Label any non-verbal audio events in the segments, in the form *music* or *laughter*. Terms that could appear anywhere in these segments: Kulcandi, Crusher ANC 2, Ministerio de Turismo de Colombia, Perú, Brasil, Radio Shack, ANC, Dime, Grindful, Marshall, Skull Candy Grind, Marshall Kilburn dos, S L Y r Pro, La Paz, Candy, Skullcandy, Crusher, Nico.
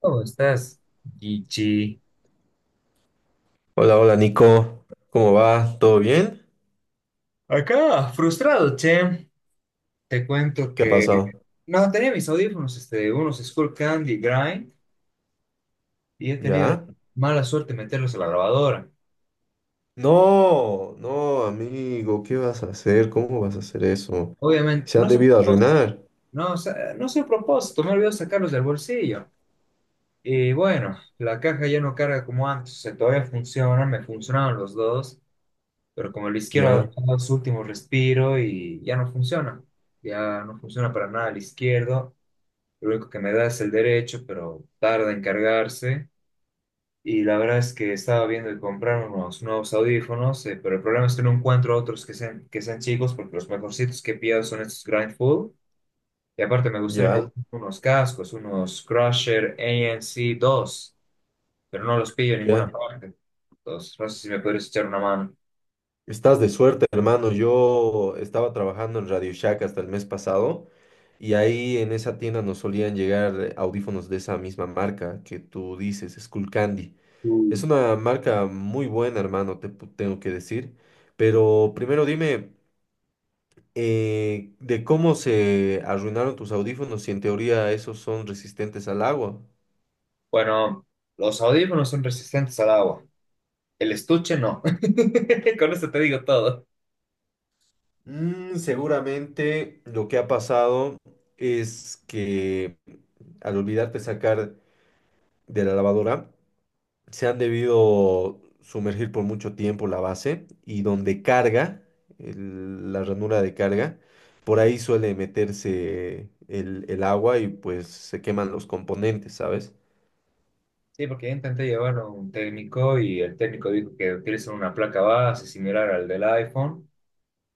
¿Cómo estás? Gigi. Hola, hola Nico, ¿cómo va? ¿Todo bien? Acá, frustrado, che. Te cuento ¿Qué ha que... pasado? No, tenía mis audífonos, unos Skull Candy Grind, y he tenido la ¿Ya? mala suerte de meterlos a la grabadora. No, no, amigo, ¿qué vas a hacer? ¿Cómo vas a hacer eso? Obviamente, Se no han sé, debido arruinar. No sé a propósito, me olvidé sacarlos del bolsillo. Y bueno, la caja ya no carga como antes, o sea, todavía funciona, me funcionaban los dos, pero como el izquierdo ha Ya, dado su último respiro y ya no funciona. Ya no funciona para nada el izquierdo. Lo único que me da es el derecho, pero tarda en cargarse. Y la verdad es que estaba viendo de comprar unos nuevos audífonos, pero el problema es que no encuentro otros que sean chicos, porque los mejorcitos que he pillado son estos Grindful. Y aparte me gustaría ya, comprar unos cascos, unos Crusher ANC 2, pero no los pillo en ninguna ya. parte. Entonces, no sé si me podrías echar una mano. Estás de suerte, hermano. Yo estaba trabajando en Radio Shack hasta el mes pasado y ahí en esa tienda nos solían llegar audífonos de esa misma marca que tú dices, Candy. Es Mm. una marca muy buena, hermano, tengo que decir. Pero primero dime, de cómo se arruinaron tus audífonos si en teoría esos son resistentes al agua. Bueno, los audífonos son resistentes al agua. El estuche no. *laughs* Con eso te digo todo. Seguramente lo que ha pasado es que al olvidarte sacar de la lavadora, se han debido sumergir por mucho tiempo la base y donde carga, la ranura de carga, por ahí suele meterse el agua y pues se queman los componentes, ¿sabes? Sí, porque yo intenté llevarlo a un técnico y el técnico dijo que utilizan una placa base similar al del iPhone,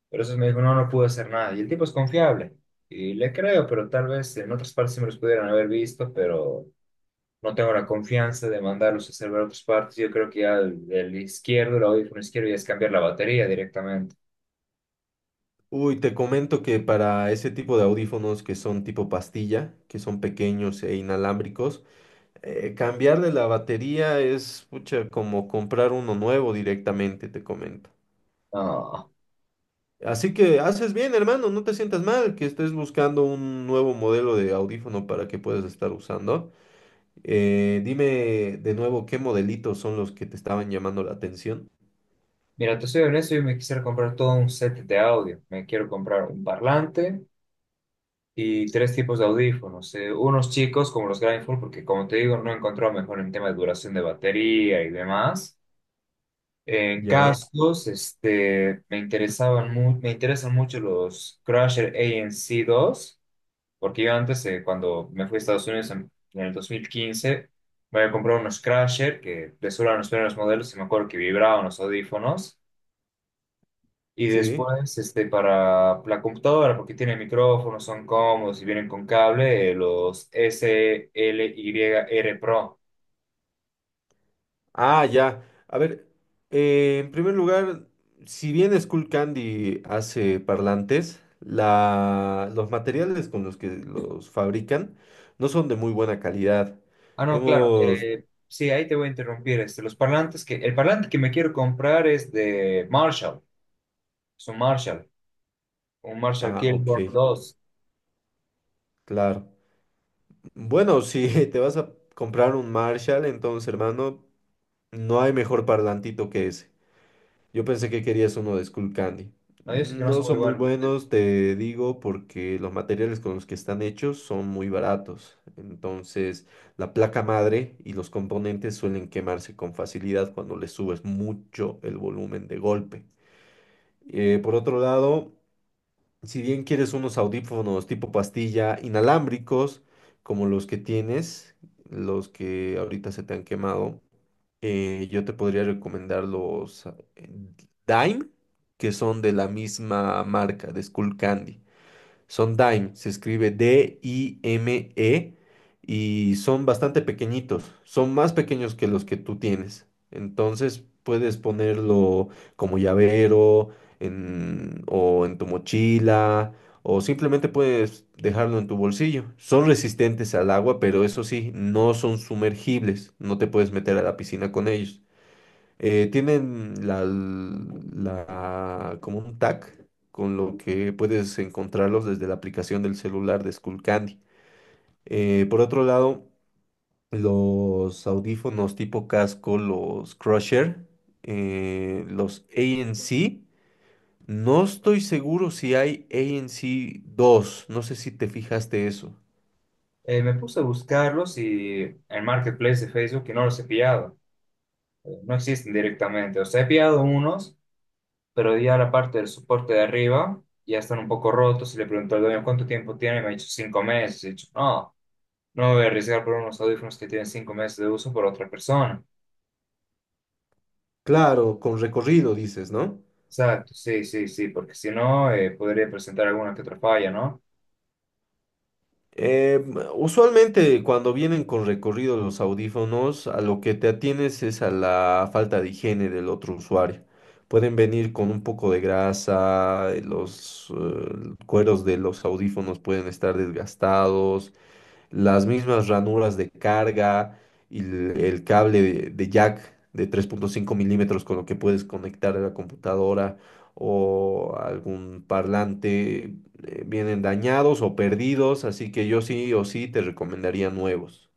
pero eso me dijo, no, no pude hacer nada. Y el tipo es confiable y le creo, pero tal vez en otras partes sí me los pudieran haber visto, pero no tengo la confianza de mandarlos a hacer ver otras partes. Yo creo que ya el izquierdo, el audífono izquierdo, ya es cambiar la batería directamente. Uy, te comento que para ese tipo de audífonos que son tipo pastilla, que son pequeños e inalámbricos, cambiarle la batería es, pucha, como comprar uno nuevo directamente, te comento. No, Así que haces bien, hermano, no te sientas mal que estés buscando un nuevo modelo de audífono para que puedas estar usando. Dime de nuevo qué modelitos son los que te estaban llamando la atención. mira, te soy honesto, yo me quisiera comprar todo un set de audio. Me quiero comprar un parlante y tres tipos de audífonos. Unos chicos como los Grindful, porque como te digo, no encontraba mejor en tema de duración de batería y demás. En Ya, cascos, me interesan mucho los Crusher ANC2, porque yo antes, cuando me fui a Estados Unidos en el 2015, me había comprado unos Crusher, que de solo eran los primeros modelos, y me acuerdo que vibraban los audífonos. Y sí. después, para la computadora, porque tiene micrófonos, son cómodos y vienen con cable, los S L Y r Pro. Ah, ya. A ver, en primer lugar, si bien Candy hace parlantes, los materiales con los que los fabrican no son de muy buena calidad. Ah, no, claro. Hemos. Sí, ahí te voy a interrumpir. El parlante que me quiero comprar es de Marshall. Es un Marshall Ah, Kilburn ok, dos. claro. Bueno, si *laughs* te vas a comprar un Marshall, entonces, hermano, no hay mejor parlantito que ese. Yo pensé que querías uno de Candy. No, yo sé que no No son muy son muy buenos. Buenos, te digo, porque los materiales con los que están hechos son muy baratos. Entonces, la placa madre y los componentes suelen quemarse con facilidad cuando le subes mucho el volumen de golpe. Por otro lado, si bien quieres unos audífonos tipo pastilla inalámbricos, como los que tienes, los que ahorita se te han quemado, yo te podría recomendar los eh, Dime, que son de la misma marca, de Skullcandy. Son Dime, se escribe D-I-M-E y son bastante pequeñitos, son más pequeños que los que tú tienes. Entonces puedes ponerlo como llavero o en tu mochila o simplemente puedes dejarlo en tu bolsillo. Son resistentes al agua, pero eso sí, no son sumergibles, no te puedes meter a la piscina con ellos. Tienen como un tag con lo que puedes encontrarlos desde la aplicación del celular de Skullcandy. Por otro lado, los audífonos tipo casco, los Crusher, los ANC, no estoy seguro si hay ANC 2. No sé si te fijaste eso. Me puse a buscarlos y en Marketplace de Facebook que no los he pillado. No existen directamente. O sea, he pillado unos pero ya la parte del soporte de arriba ya están un poco rotos y le pregunté al dueño cuánto tiempo tiene y me ha dicho 5 meses. Y he dicho, no, no me voy a arriesgar por unos audífonos que tienen 5 meses de uso por otra persona. Claro, con recorrido dices, ¿no? Exacto, sí, sí, sí, porque si no, podría presentar alguna que otra falla, ¿no? Eh, Usualmente cuando vienen con recorrido los audífonos, a lo que te atienes es a la falta de higiene del otro usuario. Pueden venir con un poco de grasa, los cueros de los audífonos pueden estar desgastados, las mismas ranuras de carga y el cable de jack de 3,5 milímetros con lo que puedes conectar a la computadora o algún parlante vienen dañados o perdidos, así que yo sí o sí te recomendaría nuevos,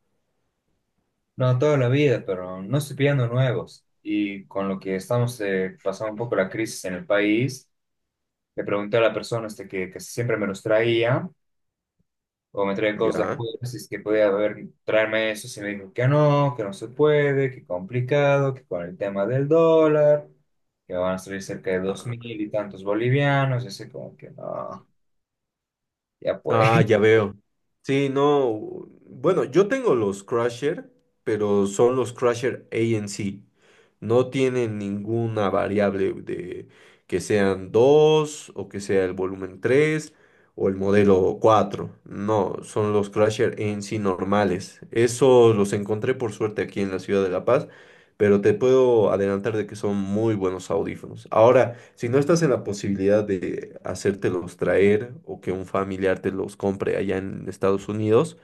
No, toda la vida, pero no estoy pidiendo nuevos. Y con lo que estamos pasando un poco la crisis en el país, le pregunté a la persona que siempre me los traía o me trae cosas de ¿ya? afuera, si es que podía haber, traerme eso, si me dijo que no se puede, que complicado, que con el tema del dólar, que van a salir cerca de dos mil Ah. y tantos bolivianos, y así como que no, ya Ah, pues. ya veo. Sí, no. Bueno, yo tengo los Crusher, pero son los Crusher A N C. No tienen ninguna variable de que sean 2 o que sea el volumen 3 o el modelo 4. No, son los Crusher A N C normales. Eso los encontré por suerte aquí en la ciudad de La Paz, pero te puedo adelantar de que son muy buenos audífonos. Ahora, si no estás en la posibilidad de hacértelos traer o que un familiar te los compre allá en Estados Unidos,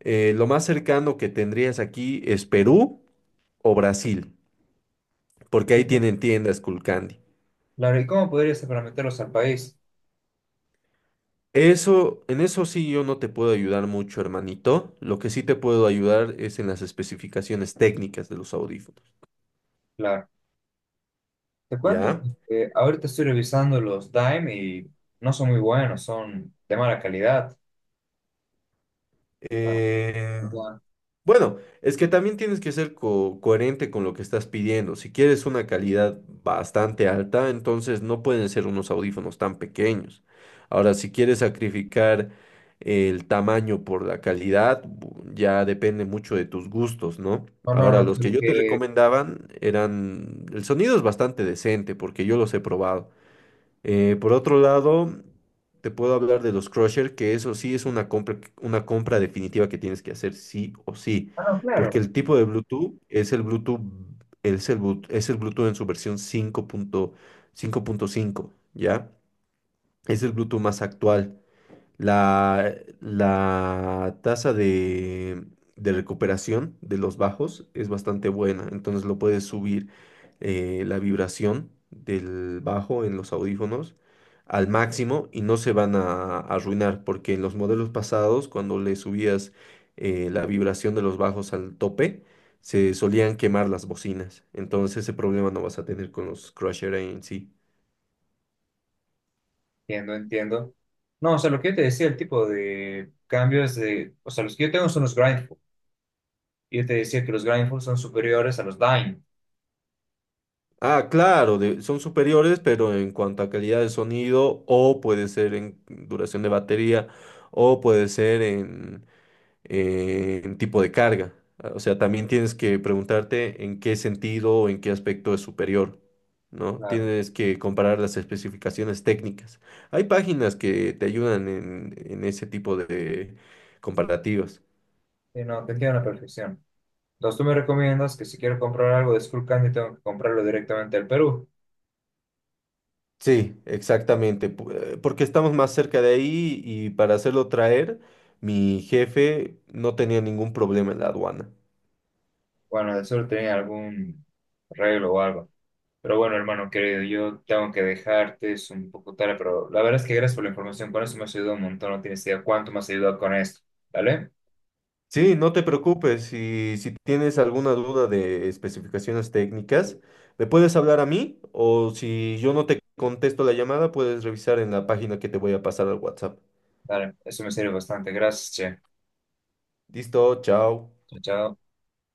lo más cercano que tendrías aquí es Perú o Brasil, porque ahí *laughs* tienen tiendas Kulcandi. Claro, ¿y cómo podrías hacer para meterlos al país? Eso, en eso sí yo no te puedo ayudar mucho, hermanito. Lo que sí te puedo ayudar es en las especificaciones técnicas de los audífonos, Claro, te cuento ¿ya? que ahorita estoy revisando los Dime y no son muy buenos, son de mala calidad. Ah, Eh, ajá. Bueno, es que también tienes que ser coherente con lo que estás pidiendo. Si quieres una calidad bastante alta, entonces no pueden ser unos audífonos tan pequeños. Ahora, si quieres sacrificar el tamaño por la calidad, ya depende mucho de tus gustos, ¿no? No, Ahora, no, no, los que solo yo te que... recomendaban eran, el sonido es bastante decente porque yo los he probado. Por otro lado, te puedo hablar de los Crusher, que eso sí es una compra, una compra definitiva que tienes que hacer sí o sí, Ah, no, porque claro. el tipo de Bluetooth es el Bluetooth, es el Bluetooth en su versión cinco cinco punto cinco punto cinco, ¿ya? Es el Bluetooth más actual. La, la tasa de recuperación de los bajos es bastante buena, entonces lo puedes subir la vibración del bajo en los audífonos al máximo y no se van a, arruinar, porque en los modelos pasados, cuando le subías la vibración de los bajos al tope, se solían quemar las bocinas. Entonces ese problema no vas a tener con los Crusher en sí. Entiendo, entiendo. No, o sea, lo que yo te decía, el tipo de cambios de, o sea, los que yo tengo son los grindful. Y yo te decía que los grindful son superiores a los dine. Ah, claro, son superiores, pero en cuanto a calidad de sonido, o puede ser en duración de batería, o puede ser en tipo de carga. Ah, o sea, también tienes que preguntarte en qué sentido o en qué aspecto es superior, ¿no? Claro. Tienes que comparar las especificaciones técnicas. Hay páginas que te ayudan en, ese tipo de comparativas. Sí, no, te entiendo a la perfección. Entonces, tú me recomiendas que si quiero comprar algo de Skullcandy, tengo que comprarlo directamente al Perú. Sí, exactamente, porque estamos más cerca de ahí y para hacerlo traer, mi jefe no tenía ningún problema en la aduana. Bueno, de seguro tenía algún arreglo o algo. Pero bueno, hermano querido, yo tengo que dejarte, es un poco tarde, pero la verdad es que gracias por la información. Con eso me has ayudado un montón, no tienes idea cuánto me has ayudado con esto. ¿Vale? Sí, no te preocupes, si tienes alguna duda de especificaciones técnicas, me puedes hablar a mí o si yo no te contesto la llamada, puedes revisar en la página que te voy a pasar al WhatsApp. Dale, eso me sirve bastante. Gracias, che. Listo, chao. Chao, chao.